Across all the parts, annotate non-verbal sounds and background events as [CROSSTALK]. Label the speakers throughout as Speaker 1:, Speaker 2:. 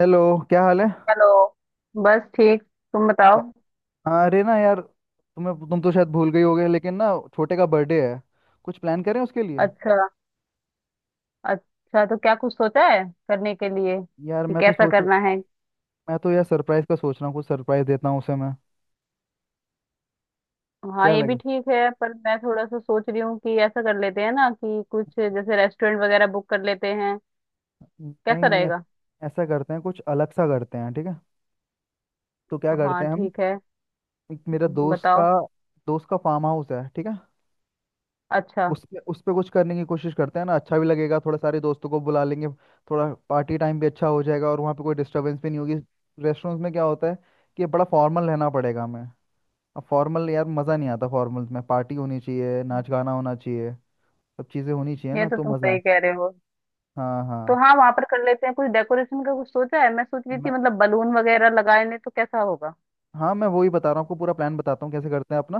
Speaker 1: Hello. क्या हाल है?
Speaker 2: हेलो। बस ठीक तुम
Speaker 1: अ-
Speaker 2: बताओ।
Speaker 1: अरे ना यार, तुम्हें तुम तो शायद भूल गई होगे, लेकिन ना छोटे का बर्थडे है। कुछ प्लान करें उसके लिए।
Speaker 2: अच्छा। अच्छा, तो क्या कुछ सोचा है करने के लिए
Speaker 1: यार,
Speaker 2: कि कैसा करना है?
Speaker 1: मैं तो यार सरप्राइज का सोच रहा हूँ। कुछ सरप्राइज देता हूँ उसे मैं।
Speaker 2: हाँ
Speaker 1: क्या
Speaker 2: ये भी
Speaker 1: लगे?
Speaker 2: ठीक है, पर मैं थोड़ा सा सोच रही हूँ कि ऐसा कर लेते हैं ना कि कुछ जैसे रेस्टोरेंट वगैरह बुक कर लेते हैं। कैसा
Speaker 1: नहीं नहीं,
Speaker 2: रहेगा?
Speaker 1: ऐसा करते हैं, कुछ अलग सा करते हैं, ठीक है? तो क्या
Speaker 2: हाँ
Speaker 1: करते हैं हम,
Speaker 2: ठीक है,
Speaker 1: एक मेरा
Speaker 2: बताओ।
Speaker 1: दोस्त का फार्म हाउस है, ठीक है?
Speaker 2: अच्छा।
Speaker 1: उस पे कुछ करने की कोशिश करते हैं ना, अच्छा भी लगेगा। थोड़ा सारे दोस्तों को बुला लेंगे, थोड़ा पार्टी टाइम भी अच्छा हो जाएगा, और वहाँ पे कोई डिस्टरबेंस भी नहीं होगी। रेस्टोरेंट्स में क्या होता है कि बड़ा फॉर्मल रहना पड़ेगा हमें। अब फॉर्मल, यार मज़ा नहीं आता फॉर्मल्स में। पार्टी होनी चाहिए, नाच गाना होना चाहिए, सब चीज़ें होनी चाहिए,
Speaker 2: ये
Speaker 1: ना
Speaker 2: तो
Speaker 1: तो
Speaker 2: तुम
Speaker 1: मज़ा है।
Speaker 2: सही कह रहे हो।
Speaker 1: हाँ
Speaker 2: तो
Speaker 1: हाँ।
Speaker 2: हाँ, वहां पर कर लेते हैं। कुछ डेकोरेशन का कुछ सोचा है? मैं सोच रही
Speaker 1: मैं
Speaker 2: थी, मतलब बलून वगैरह लगाए लें तो कैसा होगा?
Speaker 1: हाँ मैं वही बता रहा हूँ आपको, पूरा प्लान बताता हूँ कैसे करते हैं अपना,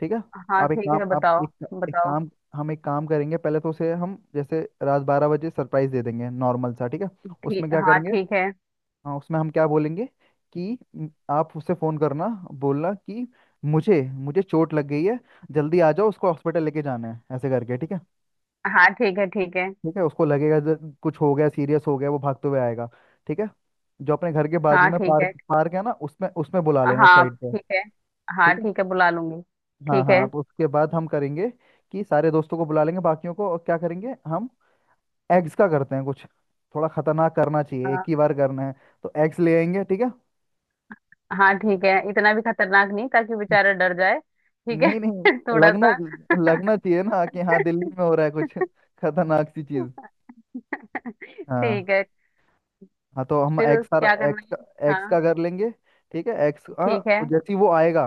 Speaker 1: ठीक है?
Speaker 2: हाँ
Speaker 1: आप एक
Speaker 2: ठीक
Speaker 1: काम
Speaker 2: है,
Speaker 1: आप
Speaker 2: बताओ।
Speaker 1: एक एक
Speaker 2: बताओ।
Speaker 1: काम हम एक काम करेंगे। पहले तो उसे हम जैसे रात 12 बजे सरप्राइज दे देंगे नॉर्मल सा, ठीक है?
Speaker 2: ठीक,
Speaker 1: उसमें क्या
Speaker 2: हाँ
Speaker 1: करेंगे,
Speaker 2: ठीक है।
Speaker 1: हाँ उसमें हम क्या बोलेंगे कि आप उससे फ़ोन करना, बोलना कि मुझे मुझे चोट लग गई है, जल्दी आ जाओ, उसको हॉस्पिटल लेके जाना है, ऐसे करके, ठीक है?
Speaker 2: हाँ ठीक है। ठीक है।
Speaker 1: ठीक है उसको लगेगा कुछ हो गया, सीरियस हो गया, वो भागते हुए आएगा, ठीक है? जो अपने घर के बाजू
Speaker 2: हाँ
Speaker 1: में
Speaker 2: ठीक
Speaker 1: पार्क
Speaker 2: है।
Speaker 1: पार्क है ना, उसमें उसमें बुला लेना उस
Speaker 2: हाँ
Speaker 1: साइड पे।
Speaker 2: ठीक है। हाँ
Speaker 1: ठीक है,
Speaker 2: ठीक है, बुला लूंगी।
Speaker 1: हाँ
Speaker 2: ठीक है।
Speaker 1: हाँ, तो उसके बाद हम करेंगे कि सारे दोस्तों को बुला लेंगे बाकियों को, और क्या करेंगे हम, एग्स का करते हैं कुछ, थोड़ा खतरनाक करना चाहिए, एक
Speaker 2: हाँ।
Speaker 1: ही बार करना है। तो एग्स ले आएंगे, ठीक है?
Speaker 2: हाँ ठीक है, इतना भी खतरनाक नहीं ताकि बेचारा डर जाए। ठीक है।
Speaker 1: नहीं नहीं,
Speaker 2: [LAUGHS] थोड़ा
Speaker 1: लगना
Speaker 2: सा। [LAUGHS]
Speaker 1: लगना चाहिए ना कि हाँ, दिल्ली में हो रहा है कुछ खतरनाक सी चीज। हाँ,
Speaker 2: ठीक है।
Speaker 1: हाँ तो हम
Speaker 2: फिर उस
Speaker 1: एक्स आर
Speaker 2: क्या करना
Speaker 1: एक्स
Speaker 2: है?
Speaker 1: का एक्स का
Speaker 2: हाँ।
Speaker 1: कर लेंगे। ठीक है, एक्स, हाँ।
Speaker 2: ठीक है।
Speaker 1: और जैसे ही वो आएगा,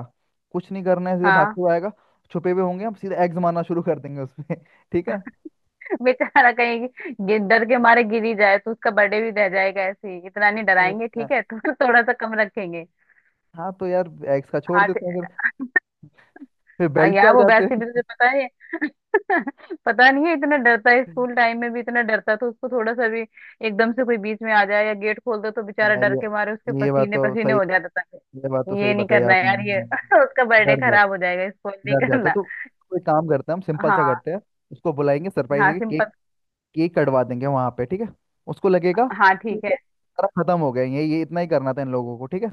Speaker 1: कुछ नहीं करना है, सीधे
Speaker 2: हाँ।
Speaker 1: भागते हुए आएगा, छुपे हुए होंगे हम, सीधे एक्स मारना शुरू कर देंगे उसपे [LAUGHS] ठीक है?
Speaker 2: [LAUGHS] बेचारा कहीं डर के मारे गिर ही जाए तो उसका बर्थडे भी रह जाएगा। ऐसे ही इतना नहीं
Speaker 1: नहीं,
Speaker 2: डराएंगे, ठीक
Speaker 1: हाँ।
Speaker 2: है? [LAUGHS] तो थोड़ा सा कम रखेंगे।
Speaker 1: हाँ, तो यार एक्स का छोड़
Speaker 2: हाँ ठीक-
Speaker 1: देते हैं फिर। फिर
Speaker 2: आ
Speaker 1: बेल्ट पे आ
Speaker 2: यार, वो
Speaker 1: जाते
Speaker 2: वैसे भी
Speaker 1: हैं
Speaker 2: तुझे पता है। [LAUGHS] पता नहीं है, इतना डरता है। स्कूल
Speaker 1: [LAUGHS]
Speaker 2: टाइम में भी इतना डरता था, उसको थोड़ा सा भी एकदम से कोई बीच में आ जाए या गेट खोल दो तो बेचारा
Speaker 1: यार,
Speaker 2: डर
Speaker 1: ये
Speaker 2: के मारे उसके
Speaker 1: ये बात
Speaker 2: पसीने
Speaker 1: तो
Speaker 2: पसीने
Speaker 1: सही,
Speaker 2: हो जाता था।
Speaker 1: ये बात तो
Speaker 2: ये
Speaker 1: सही
Speaker 2: नहीं
Speaker 1: बताई
Speaker 2: करना
Speaker 1: आपने।
Speaker 2: यार, ये
Speaker 1: हाँ,
Speaker 2: [LAUGHS] उसका बर्थडे
Speaker 1: डर
Speaker 2: खराब हो
Speaker 1: जाते
Speaker 2: जाएगा। इसको नहीं
Speaker 1: डर जाता है
Speaker 2: करना।
Speaker 1: तो कोई काम करते हैं, हम सिंपल सा
Speaker 2: हाँ।
Speaker 1: करते हैं। उसको बुलाएंगे, सरप्राइज
Speaker 2: हाँ
Speaker 1: देंगे,
Speaker 2: सिंपल।
Speaker 1: केक, केक कटवा देंगे वहां पे, ठीक है? उसको लगेगा
Speaker 2: हाँ
Speaker 1: कि
Speaker 2: ठीक है।
Speaker 1: सारा खत्म हो गया, ये इतना ही करना था इन लोगों को, ठीक है,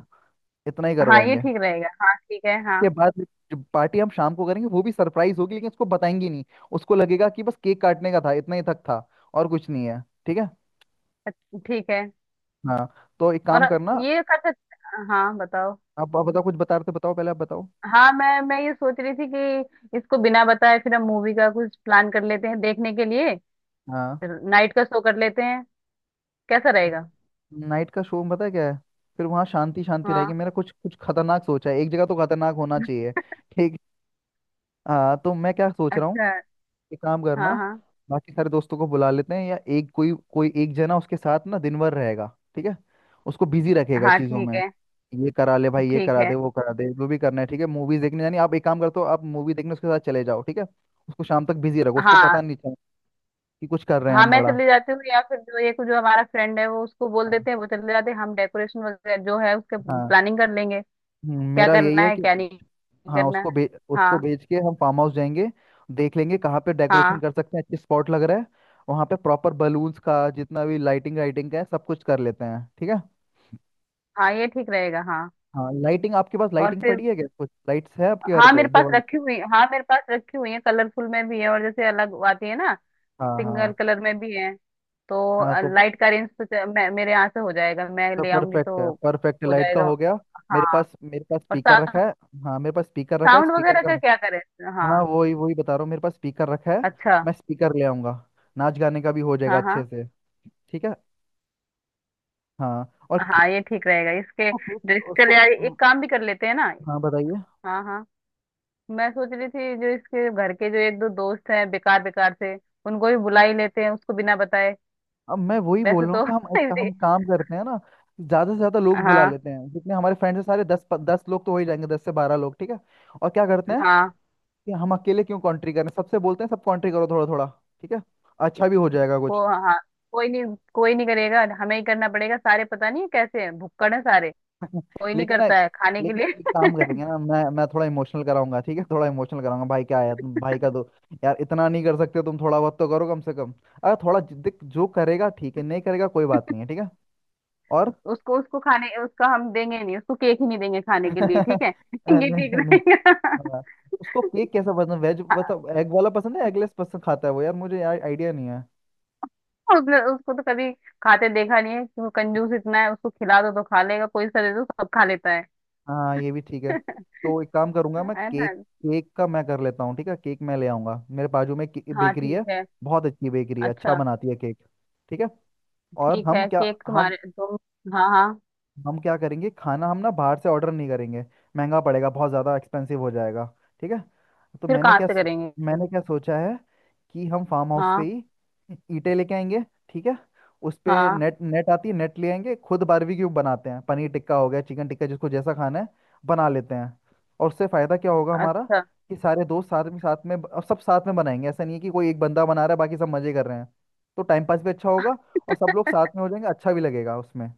Speaker 1: इतना ही
Speaker 2: हाँ ये
Speaker 1: करवाएंगे।
Speaker 2: ठीक रहेगा। हाँ ठीक है। हाँ।
Speaker 1: के बाद जो पार्टी हम शाम को करेंगे वो भी सरप्राइज होगी, लेकिन उसको बताएंगे नहीं। उसको लगेगा कि बस केक काटने का था, इतना ही तक था, और कुछ नहीं है, ठीक है?
Speaker 2: अच्छा, ठीक है।
Speaker 1: हाँ, तो एक
Speaker 2: और
Speaker 1: काम करना।
Speaker 2: ये कर सकते। हाँ बताओ।
Speaker 1: आप बताओ, कुछ बता रहे थे, बताओ पहले आप बताओ।
Speaker 2: हाँ, मैं ये सोच रही थी कि इसको बिना बताए फिर हम मूवी का कुछ प्लान कर लेते हैं देखने के लिए।
Speaker 1: हाँ।
Speaker 2: फिर नाइट का शो कर लेते हैं। कैसा रहेगा?
Speaker 1: नाइट का शो में पता है क्या है, फिर वहाँ शांति शांति रहेगी।
Speaker 2: हाँ।
Speaker 1: मेरा कुछ कुछ खतरनाक सोचा है, एक जगह तो खतरनाक होना चाहिए। ठीक, हाँ तो मैं क्या सोच रहा हूँ,
Speaker 2: अच्छा।
Speaker 1: एक काम करना।
Speaker 2: हाँ। हाँ।
Speaker 1: बाकी सारे दोस्तों को बुला लेते हैं, या एक कोई कोई एक जना उसके साथ ना दिन भर रहेगा, ठीक है, उसको बिजी रखेगा
Speaker 2: हाँ
Speaker 1: चीज़ों
Speaker 2: ठीक
Speaker 1: में,
Speaker 2: है।
Speaker 1: ये करा ले भाई, ये
Speaker 2: ठीक
Speaker 1: करा
Speaker 2: है।
Speaker 1: दे, वो करा दे, जो भी करना है, ठीक है? मूवीज देखने जानी, आप एक काम करते हो, आप मूवी देखने उसके साथ चले जाओ, ठीक है? उसको शाम तक बिजी रखो, उसको
Speaker 2: हाँ।
Speaker 1: पता नहीं चले कि कुछ कर रहे हैं
Speaker 2: हाँ
Speaker 1: हम
Speaker 2: मैं
Speaker 1: बड़ा।
Speaker 2: चली जाती हूँ, या फिर जो ये जो हमारा फ्रेंड है वो उसको बोल
Speaker 1: हाँ
Speaker 2: देते हैं, वो चले जाते हैं, हम डेकोरेशन वगैरह जो है उसके
Speaker 1: हाँ।
Speaker 2: प्लानिंग कर लेंगे। क्या
Speaker 1: मेरा यही
Speaker 2: करना
Speaker 1: है
Speaker 2: है
Speaker 1: कि
Speaker 2: क्या नहीं
Speaker 1: हाँ,
Speaker 2: करना है।
Speaker 1: उसको
Speaker 2: हाँ।
Speaker 1: बेच के हम फार्म हाउस जाएंगे। देख लेंगे कहाँ पे डेकोरेशन
Speaker 2: हाँ।
Speaker 1: कर सकते हैं, अच्छे स्पॉट लग रहा है। वहाँ पे प्रॉपर बलून्स का, जितना भी लाइटिंग वाइटिंग का है, सब कुछ कर लेते हैं, ठीक है?
Speaker 2: हाँ ये ठीक रहेगा। हाँ
Speaker 1: हाँ लाइटिंग, आपके पास
Speaker 2: और
Speaker 1: लाइटिंग
Speaker 2: फिर
Speaker 1: पड़ी है क्या? कुछ लाइट्स है आपके घर
Speaker 2: हाँ,
Speaker 1: पे दिवाली?
Speaker 2: मेरे पास रखी हुई है। कलरफुल में भी है और जैसे अलग आती है ना,
Speaker 1: हाँ
Speaker 2: सिंगल
Speaker 1: हाँ।
Speaker 2: कलर में भी है।
Speaker 1: हाँ
Speaker 2: तो
Speaker 1: तो
Speaker 2: लाइट का रेंज तो मेरे यहाँ से हो जाएगा, मैं
Speaker 1: तो
Speaker 2: ले आऊंगी।
Speaker 1: परफेक्ट है,
Speaker 2: तो
Speaker 1: परफेक्ट,
Speaker 2: हो
Speaker 1: लाइट का
Speaker 2: जाएगा।
Speaker 1: हो गया। मेरे
Speaker 2: हाँ।
Speaker 1: पास मेरे पास
Speaker 2: और
Speaker 1: स्पीकर रखा है। हाँ मेरे पास स्पीकर रखा है,
Speaker 2: साउंड
Speaker 1: स्पीकर
Speaker 2: वगैरह
Speaker 1: का,
Speaker 2: का क्या करें? हाँ।
Speaker 1: हाँ वही वही बता रहा हूँ, मेरे पास स्पीकर रखा है।
Speaker 2: अच्छा।
Speaker 1: मैं स्पीकर ले आऊँगा, नाच गाने का भी हो जाएगा
Speaker 2: हाँ।
Speaker 1: अच्छे
Speaker 2: हाँ।
Speaker 1: से, ठीक है? हाँ और
Speaker 2: हाँ
Speaker 1: केक,
Speaker 2: ये ठीक रहेगा। इसके
Speaker 1: उसको
Speaker 2: जो,
Speaker 1: फिर
Speaker 2: इसके
Speaker 1: उसको
Speaker 2: लिए
Speaker 1: हम्म,
Speaker 2: एक काम भी कर लेते हैं ना।
Speaker 1: हाँ बताइए।
Speaker 2: हाँ। हाँ। मैं सोच रही थी जो इसके घर के जो एक दो दोस्त हैं बेकार बेकार से, उनको भी बुला ही लेते हैं उसको बिना बताए।
Speaker 1: अब मैं वही बोल
Speaker 2: वैसे
Speaker 1: रहा हूँ
Speaker 2: तो
Speaker 1: कि हम
Speaker 2: [LAUGHS]
Speaker 1: एक
Speaker 2: इजी-
Speaker 1: हम काम करते हैं ना, ज्यादा से ज्यादा लोग बुला
Speaker 2: हाँ।
Speaker 1: लेते हैं, जितने हमारे फ्रेंड्स हैं, सारे दस दस लोग तो हो ही जाएंगे, 10 से 12 लोग, ठीक है? और क्या करते हैं
Speaker 2: हाँ
Speaker 1: कि हम अकेले क्यों कॉन्ट्री करें, सबसे बोलते हैं, सब कॉन्ट्री करो थोड़ा थोड़ा, ठीक है, अच्छा भी हो जाएगा कुछ।
Speaker 2: वो हाँ। कोई नहीं करेगा, हमें ही करना पड़ेगा। सारे पता नहीं कैसे हैं, भुक्कड़ है सारे। कोई नहीं
Speaker 1: लेकिन ना,
Speaker 2: करता है खाने के
Speaker 1: लेकिन
Speaker 2: लिए।
Speaker 1: एक काम
Speaker 2: [LAUGHS]
Speaker 1: करेंगे ना, मैं थोड़ा इमोशनल कराऊंगा, ठीक है, थोड़ा इमोशनल कराऊंगा, भाई क्या है तुम, भाई का दो यार, इतना नहीं कर सकते तुम, थोड़ा बहुत तो करो कम से कम। अगर थोड़ा जिद्द जो करेगा, ठीक है नहीं करेगा, कोई बात नहीं है, ठीक है। और
Speaker 2: उसको उसको खाने उसका हम देंगे नहीं, उसको केक ही नहीं देंगे खाने के लिए। ठीक है?
Speaker 1: [LAUGHS]
Speaker 2: [LAUGHS] ये ठीक
Speaker 1: नहीं नहीं।
Speaker 2: रहेगा।
Speaker 1: हाँ। उसको केक कैसा पसंद, वेज
Speaker 2: [LAUGHS]
Speaker 1: मतलब एग वाला पसंद है, एगलेस पसंद खाता है वो? यार मुझे यार आइडिया नहीं है।
Speaker 2: उसने उसको तो कभी खाते देखा नहीं है कि वो, कंजूस इतना है उसको खिला दो तो खा लेगा, कोई सा दे दो सब खा लेता है।
Speaker 1: हाँ ये भी ठीक है।
Speaker 2: [LAUGHS]
Speaker 1: तो एक काम करूंगा मैं,
Speaker 2: है
Speaker 1: केक
Speaker 2: ना।
Speaker 1: केक का मैं कर लेता हूँ, ठीक है? केक मैं ले आऊंगा, मेरे बाजू में
Speaker 2: हाँ
Speaker 1: बेकरी
Speaker 2: ठीक
Speaker 1: है,
Speaker 2: है।
Speaker 1: बहुत अच्छी बेकरी है, अच्छा
Speaker 2: अच्छा।
Speaker 1: बनाती है केक, ठीक है? और
Speaker 2: ठीक
Speaker 1: हम
Speaker 2: है,
Speaker 1: क्या,
Speaker 2: केक
Speaker 1: हम
Speaker 2: तुम्हारे तुम। हाँ हाँ।
Speaker 1: हम क्या करेंगे, खाना हम ना बाहर से ऑर्डर नहीं करेंगे, महंगा पड़ेगा, बहुत ज़्यादा एक्सपेंसिव हो जाएगा, ठीक है? तो
Speaker 2: फिर कहाँ से करेंगे?
Speaker 1: मैंने क्या सोचा है कि हम फार्म हाउस पे
Speaker 2: हाँ।
Speaker 1: ही ईंटें लेके आएंगे, ठीक है? उस पे
Speaker 2: हाँ।
Speaker 1: नेट नेट आती है, नेट ले आएंगे, खुद बारबेक्यू बनाते हैं, पनीर टिक्का हो गया, चिकन टिक्का, जिसको जैसा खाना है बना लेते हैं। और उससे फ़ायदा क्या होगा हमारा
Speaker 2: अच्छा।
Speaker 1: कि सारे दोस्त साथ में, साथ में अब सब साथ में बनाएंगे, ऐसा नहीं है कि कोई एक बंदा बना रहा है, बाकी सब मज़े कर रहे हैं। तो टाइम पास भी अच्छा होगा, और सब लोग साथ में हो जाएंगे, अच्छा भी लगेगा उसमें।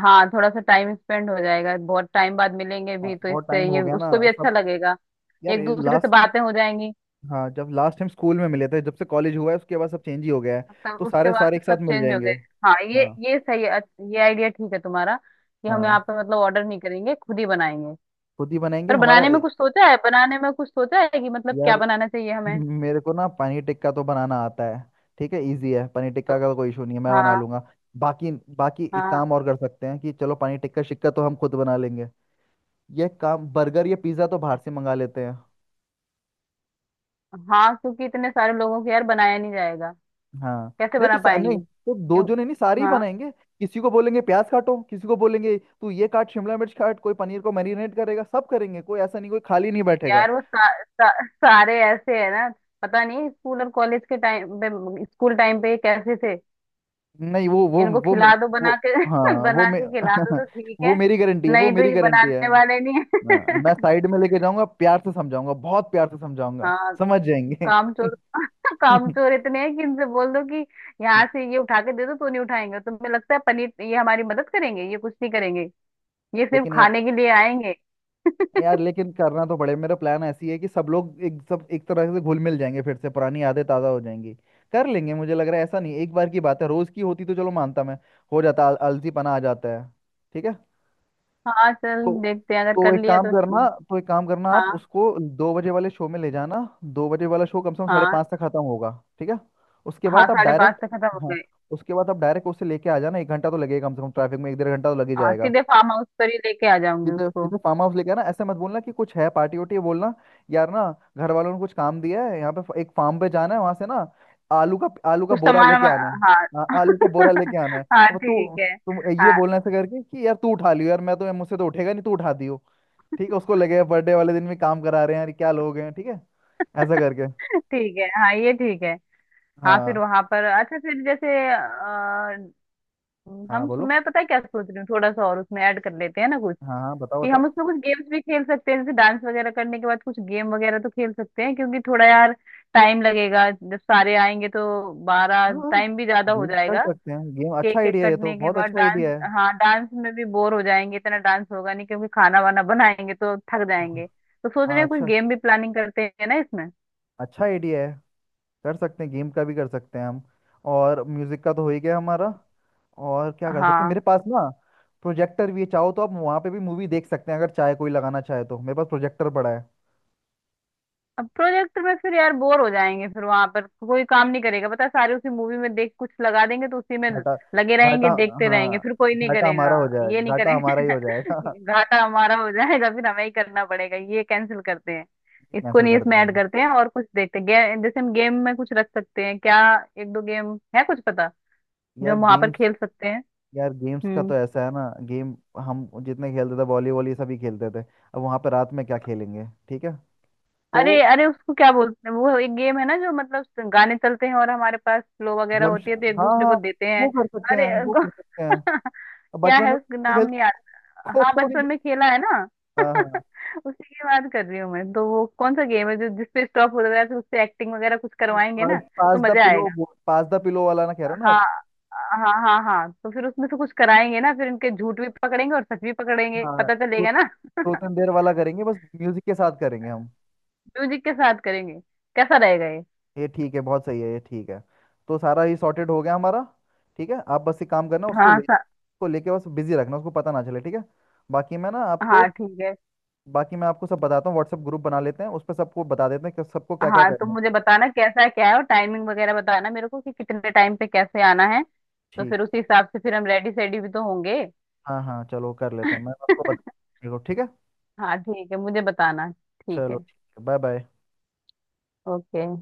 Speaker 2: हाँ थोड़ा सा टाइम स्पेंड हो जाएगा, बहुत टाइम बाद मिलेंगे
Speaker 1: हाँ
Speaker 2: भी, तो
Speaker 1: बहुत
Speaker 2: इससे
Speaker 1: टाइम हो
Speaker 2: ये
Speaker 1: गया ना,
Speaker 2: उसको भी अच्छा
Speaker 1: सब,
Speaker 2: लगेगा।
Speaker 1: यार,
Speaker 2: एक दूसरे से
Speaker 1: लास्ट,
Speaker 2: बातें हो जाएंगी।
Speaker 1: हाँ जब लास्ट टाइम स्कूल में मिले थे, जब से कॉलेज हुआ है उसके बाद सब चेंज ही हो गया है।
Speaker 2: तब
Speaker 1: तो
Speaker 2: उसके
Speaker 1: सारे
Speaker 2: बाद
Speaker 1: सारे
Speaker 2: से
Speaker 1: एक साथ
Speaker 2: सब
Speaker 1: मिल
Speaker 2: चेंज हो
Speaker 1: जाएंगे।
Speaker 2: गए। हाँ,
Speaker 1: हाँ
Speaker 2: ये सही है। अच्छा, ये आइडिया ठीक है तुम्हारा, कि हम यहाँ
Speaker 1: हाँ।
Speaker 2: पे मतलब ऑर्डर नहीं करेंगे, खुद ही बनाएंगे।
Speaker 1: खुद ही बनाएंगे,
Speaker 2: पर
Speaker 1: हमारा
Speaker 2: बनाने में कुछ सोचा है कि मतलब क्या
Speaker 1: यार
Speaker 2: बनाना चाहिए हमें?
Speaker 1: मेरे को ना पनीर टिक्का तो बनाना आता है, ठीक है, इजी है, पनीर टिक्का
Speaker 2: तो
Speaker 1: का तो कोई इशू नहीं है, मैं बना
Speaker 2: हाँ।
Speaker 1: लूंगा। बाकी बाकी एक
Speaker 2: हाँ।
Speaker 1: काम और कर सकते हैं कि चलो पनीर टिक्का शिक्का तो हम खुद बना लेंगे, ये काम, बर्गर या पिज्ज़ा तो बाहर से मंगा लेते हैं।
Speaker 2: हाँ, क्योंकि इतने सारे लोगों के यार बनाया नहीं जाएगा।
Speaker 1: हाँ।
Speaker 2: कैसे बना पाएंगे?
Speaker 1: नहीं तो दो
Speaker 2: क्यों-
Speaker 1: जने नहीं, सारे ही
Speaker 2: हाँ।
Speaker 1: बनाएंगे। किसी को बोलेंगे प्याज काटो, किसी को बोलेंगे तू ये काट शिमला मिर्च काट, कोई पनीर को मैरिनेट करेगा, सब करेंगे, कोई ऐसा नहीं, कोई खाली नहीं बैठेगा।
Speaker 2: यार वो सा, सा, सारे ऐसे है ना, पता नहीं। स्कूल और कॉलेज के टाइम पे, स्कूल टाइम पे ये कैसे थे,
Speaker 1: नहीं वो
Speaker 2: इनको
Speaker 1: वो मे,
Speaker 2: खिला दो
Speaker 1: वो
Speaker 2: बना के
Speaker 1: हाँ
Speaker 2: [LAUGHS] बना के खिला दो तो
Speaker 1: [LAUGHS]
Speaker 2: ठीक
Speaker 1: वो
Speaker 2: है,
Speaker 1: मेरी गारंटी है, वो
Speaker 2: नहीं तो
Speaker 1: मेरी
Speaker 2: ये
Speaker 1: गारंटी है।
Speaker 2: बनाने वाले नहीं
Speaker 1: हाँ, मैं
Speaker 2: है।
Speaker 1: साइड में लेके जाऊंगा, प्यार से समझाऊंगा, बहुत प्यार से
Speaker 2: [LAUGHS]
Speaker 1: समझाऊंगा,
Speaker 2: हाँ।
Speaker 1: समझ जाएंगे
Speaker 2: काम चोर। [LAUGHS] काम चोर इतने हैं कि इनसे बोल दो कि यहाँ से
Speaker 1: [LAUGHS]
Speaker 2: ये उठा के दे दो तो नहीं उठाएंगे। तुम्हें लगता है पनीर ये हमारी मदद करेंगे? ये कुछ नहीं करेंगे, ये सिर्फ
Speaker 1: लेकिन यार,
Speaker 2: खाने के लिए आएंगे।
Speaker 1: यार लेकिन करना तो पड़े, मेरा प्लान ऐसी है कि सब लोग एक तरह से घुल मिल जाएंगे, फिर से पुरानी आदतें ताज़ा हो जाएंगी, कर लेंगे। मुझे लग रहा है ऐसा नहीं, एक बार की बात है, रोज़ की होती तो चलो मानता मैं, हो जाता, आलसीपना आ जाता है, ठीक है?
Speaker 2: हाँ चल,
Speaker 1: तो
Speaker 2: देखते हैं अगर कर लिया तो।
Speaker 1: तो एक काम करना, आप
Speaker 2: हाँ।
Speaker 1: उसको 2 बजे वाले शो में ले जाना। 2 बजे वाला शो कम से कम साढ़े
Speaker 2: हाँ।
Speaker 1: पाँच तक खत्म होगा, ठीक है? उसके
Speaker 2: हाँ,
Speaker 1: बाद आप
Speaker 2: साढ़े पाँच
Speaker 1: डायरेक्ट,
Speaker 2: तक खत्म हो
Speaker 1: हाँ
Speaker 2: गए।
Speaker 1: उसके बाद आप डायरेक्ट उसे लेके आ जाना, 1 घंटा तो लगेगा कम से कम ट्रैफिक में, एक डेढ़ घंटा तो लग ही
Speaker 2: हाँ,
Speaker 1: जाएगा।
Speaker 2: सीधे फार्म हाउस पर ही लेके आ जाऊंगी
Speaker 1: सीधे
Speaker 2: उसको।
Speaker 1: सीधे फार्म हाउस लेके आना, ऐसे मत बोलना कि कुछ है पार्टी वार्टी है, बोलना यार ना घर वालों ने कुछ काम दिया है, यहाँ पे एक फार्म पे जाना है, वहां से ना आलू का
Speaker 2: कुछ
Speaker 1: बोरा
Speaker 2: सामान
Speaker 1: लेके आना है।
Speaker 2: वामा- हाँ।
Speaker 1: हाँ, आलू का बोरा
Speaker 2: [LAUGHS]
Speaker 1: लेके आना है।
Speaker 2: हाँ
Speaker 1: अब
Speaker 2: ठीक
Speaker 1: तू,
Speaker 2: है।
Speaker 1: तुम ये
Speaker 2: हाँ
Speaker 1: बोलना ऐसे करके कि यार तू उठा लियो, यार मैं तो, मुझसे तो उठेगा नहीं, तू उठा दियो, ठीक है? उसको लगेगा बर्थडे वाले दिन भी काम करा रहे हैं, यार क्या लोग हैं, ठीक है, ऐसा करके।
Speaker 2: ठीक है। हाँ ये ठीक है। हाँ फिर
Speaker 1: हाँ
Speaker 2: वहां पर अच्छा फिर अ,
Speaker 1: हाँ
Speaker 2: हम
Speaker 1: बोलो।
Speaker 2: मैं पता है क्या सोच रही हूँ? थोड़ा सा और उसमें ऐड कर लेते हैं ना कुछ,
Speaker 1: हाँ हाँ बताओ
Speaker 2: कि हम
Speaker 1: बताओ।
Speaker 2: उसमें कुछ गेम्स भी खेल सकते हैं। जैसे डांस वगैरह करने के बाद कुछ गेम वगैरह तो खेल सकते हैं, क्योंकि थोड़ा यार टाइम लगेगा, जब सारे आएंगे तो बारह
Speaker 1: हाँ हाँ।
Speaker 2: टाइम भी ज्यादा हो
Speaker 1: गेम कर
Speaker 2: जाएगा।
Speaker 1: सकते हैं, गेम अच्छा
Speaker 2: केक केक
Speaker 1: आइडिया है, ये तो
Speaker 2: कटने के
Speaker 1: बहुत
Speaker 2: बाद
Speaker 1: अच्छा
Speaker 2: डांस।
Speaker 1: आइडिया है।
Speaker 2: हाँ डांस में भी बोर हो जाएंगे, इतना डांस होगा नहीं क्योंकि खाना वाना बनाएंगे तो थक
Speaker 1: हाँ,
Speaker 2: जाएंगे। तो सोच रहे
Speaker 1: हाँ
Speaker 2: हैं कुछ
Speaker 1: अच्छा,
Speaker 2: गेम भी प्लानिंग करते हैं ना इसमें।
Speaker 1: अच्छा आइडिया है, कर सकते हैं गेम का भी, कर सकते हैं हम। और म्यूजिक का तो हो ही गया हमारा। और क्या कर सकते हैं,
Speaker 2: हाँ।
Speaker 1: मेरे पास ना प्रोजेक्टर भी है, चाहो तो आप वहाँ पे भी मूवी देख सकते हैं, अगर चाहे कोई लगाना चाहे तो, मेरे पास प्रोजेक्टर पड़ा है।
Speaker 2: अब प्रोजेक्ट में फिर यार बोर हो जाएंगे, फिर वहां पर कोई काम नहीं करेगा पता है, सारे उसी मूवी में, देख कुछ लगा देंगे तो उसी में
Speaker 1: घाटा,
Speaker 2: लगे
Speaker 1: घाटा,
Speaker 2: रहेंगे, देखते रहेंगे
Speaker 1: हाँ
Speaker 2: फिर कोई नहीं
Speaker 1: घाटा
Speaker 2: करेगा।
Speaker 1: हमारा हो
Speaker 2: ये
Speaker 1: जाएगा,
Speaker 2: नहीं
Speaker 1: घाटा हमारा ही
Speaker 2: करेंगे।
Speaker 1: हो जाएगा
Speaker 2: [LAUGHS] घाटा हमारा हो जाएगा, फिर हमें ही करना पड़ेगा। ये कैंसिल करते हैं,
Speaker 1: [LAUGHS]
Speaker 2: इसको
Speaker 1: कैंसिल
Speaker 2: नहीं,
Speaker 1: कर
Speaker 2: इसमें
Speaker 1: देते
Speaker 2: ऐड
Speaker 1: हैं।
Speaker 2: करते हैं और कुछ। जैसे हम गेम में कुछ रख सकते हैं क्या, एक दो गेम है कुछ पता जो
Speaker 1: यार
Speaker 2: हम वहां पर
Speaker 1: गेम्स,
Speaker 2: खेल सकते हैं?
Speaker 1: यार गेम्स का
Speaker 2: हम्म।
Speaker 1: तो ऐसा है ना, गेम, हम जितने खेलते थे वॉलीबॉल ये सभी खेलते थे, अब वहाँ पे रात में क्या खेलेंगे, ठीक है? तो
Speaker 2: अरे अरे, उसको क्या बोलते हैं, वो एक गेम है ना जो मतलब गाने चलते हैं और हमारे पास फ्लो वगैरह
Speaker 1: धर्मश,
Speaker 2: होती है तो एक
Speaker 1: हाँ
Speaker 2: दूसरे
Speaker 1: हाँ,
Speaker 2: को देते हैं।
Speaker 1: वो कर सकते
Speaker 2: अरे
Speaker 1: हैं, वो कर सकते हैं।
Speaker 2: [LAUGHS]
Speaker 1: अब
Speaker 2: क्या
Speaker 1: बचपन
Speaker 2: है
Speaker 1: में
Speaker 2: उसका
Speaker 1: तो
Speaker 2: नाम, नहीं
Speaker 1: खेलते,
Speaker 2: आता। हाँ
Speaker 1: कोको नहीं
Speaker 2: बचपन में खेला है ना। [LAUGHS]
Speaker 1: हाँ हाँ।
Speaker 2: उसी की बात कर रही हूँ मैं तो। वो कौन सा गेम है जो, जिसपे स्टॉप होता है तो उससे एक्टिंग वगैरह कुछ
Speaker 1: सर
Speaker 2: करवाएंगे
Speaker 1: पास,
Speaker 2: ना, तो
Speaker 1: पास द
Speaker 2: मजा
Speaker 1: पिलो,
Speaker 2: आएगा।
Speaker 1: पास द पिलो वाला ना कह रहे हो ना
Speaker 2: हाँ
Speaker 1: आप?
Speaker 2: हाँ हाँ हाँ, तो फिर उसमें से कुछ कराएंगे ना, फिर इनके झूठ भी पकड़ेंगे और सच भी पकड़ेंगे,
Speaker 1: हाँ,
Speaker 2: पता
Speaker 1: तो
Speaker 2: चलेगा ना।
Speaker 1: ट्रूथ एंड डेयर वाला करेंगे, बस म्यूजिक के साथ करेंगे हम।
Speaker 2: म्यूजिक के साथ करेंगे। कैसा रहेगा ये?
Speaker 1: ये ठीक है, बहुत सही है, ये ठीक है। तो सारा ये सॉर्टेड हो गया हमारा। ठीक है आप बस एक काम करना, उसको
Speaker 2: हाँ
Speaker 1: ले,
Speaker 2: सा,
Speaker 1: उसको लेके बस बिजी रखना, उसको पता ना चले, ठीक है? बाकी मैं ना आपको
Speaker 2: हाँ ठीक है।
Speaker 1: बाकी मैं आपको सब बताता हूँ, व्हाट्सएप ग्रुप बना लेते हैं, उस पर सबको बता देते हैं कि सबको क्या क्या
Speaker 2: हाँ तुम
Speaker 1: करना है।
Speaker 2: मुझे बताना कैसा है क्या है, और टाइमिंग वगैरह बताना मेरे को कि कितने टाइम पे कैसे आना है, तो फिर
Speaker 1: ठीक,
Speaker 2: उसी हिसाब से फिर हम रेडी सेडी भी तो होंगे।
Speaker 1: हाँ हाँ चलो कर लेते हैं, मैं आपको
Speaker 2: [LAUGHS]
Speaker 1: बता, ठीक है?
Speaker 2: हाँ ठीक है, मुझे बताना। ठीक
Speaker 1: चलो
Speaker 2: है।
Speaker 1: ठीक है, बाय बाय।
Speaker 2: ओके।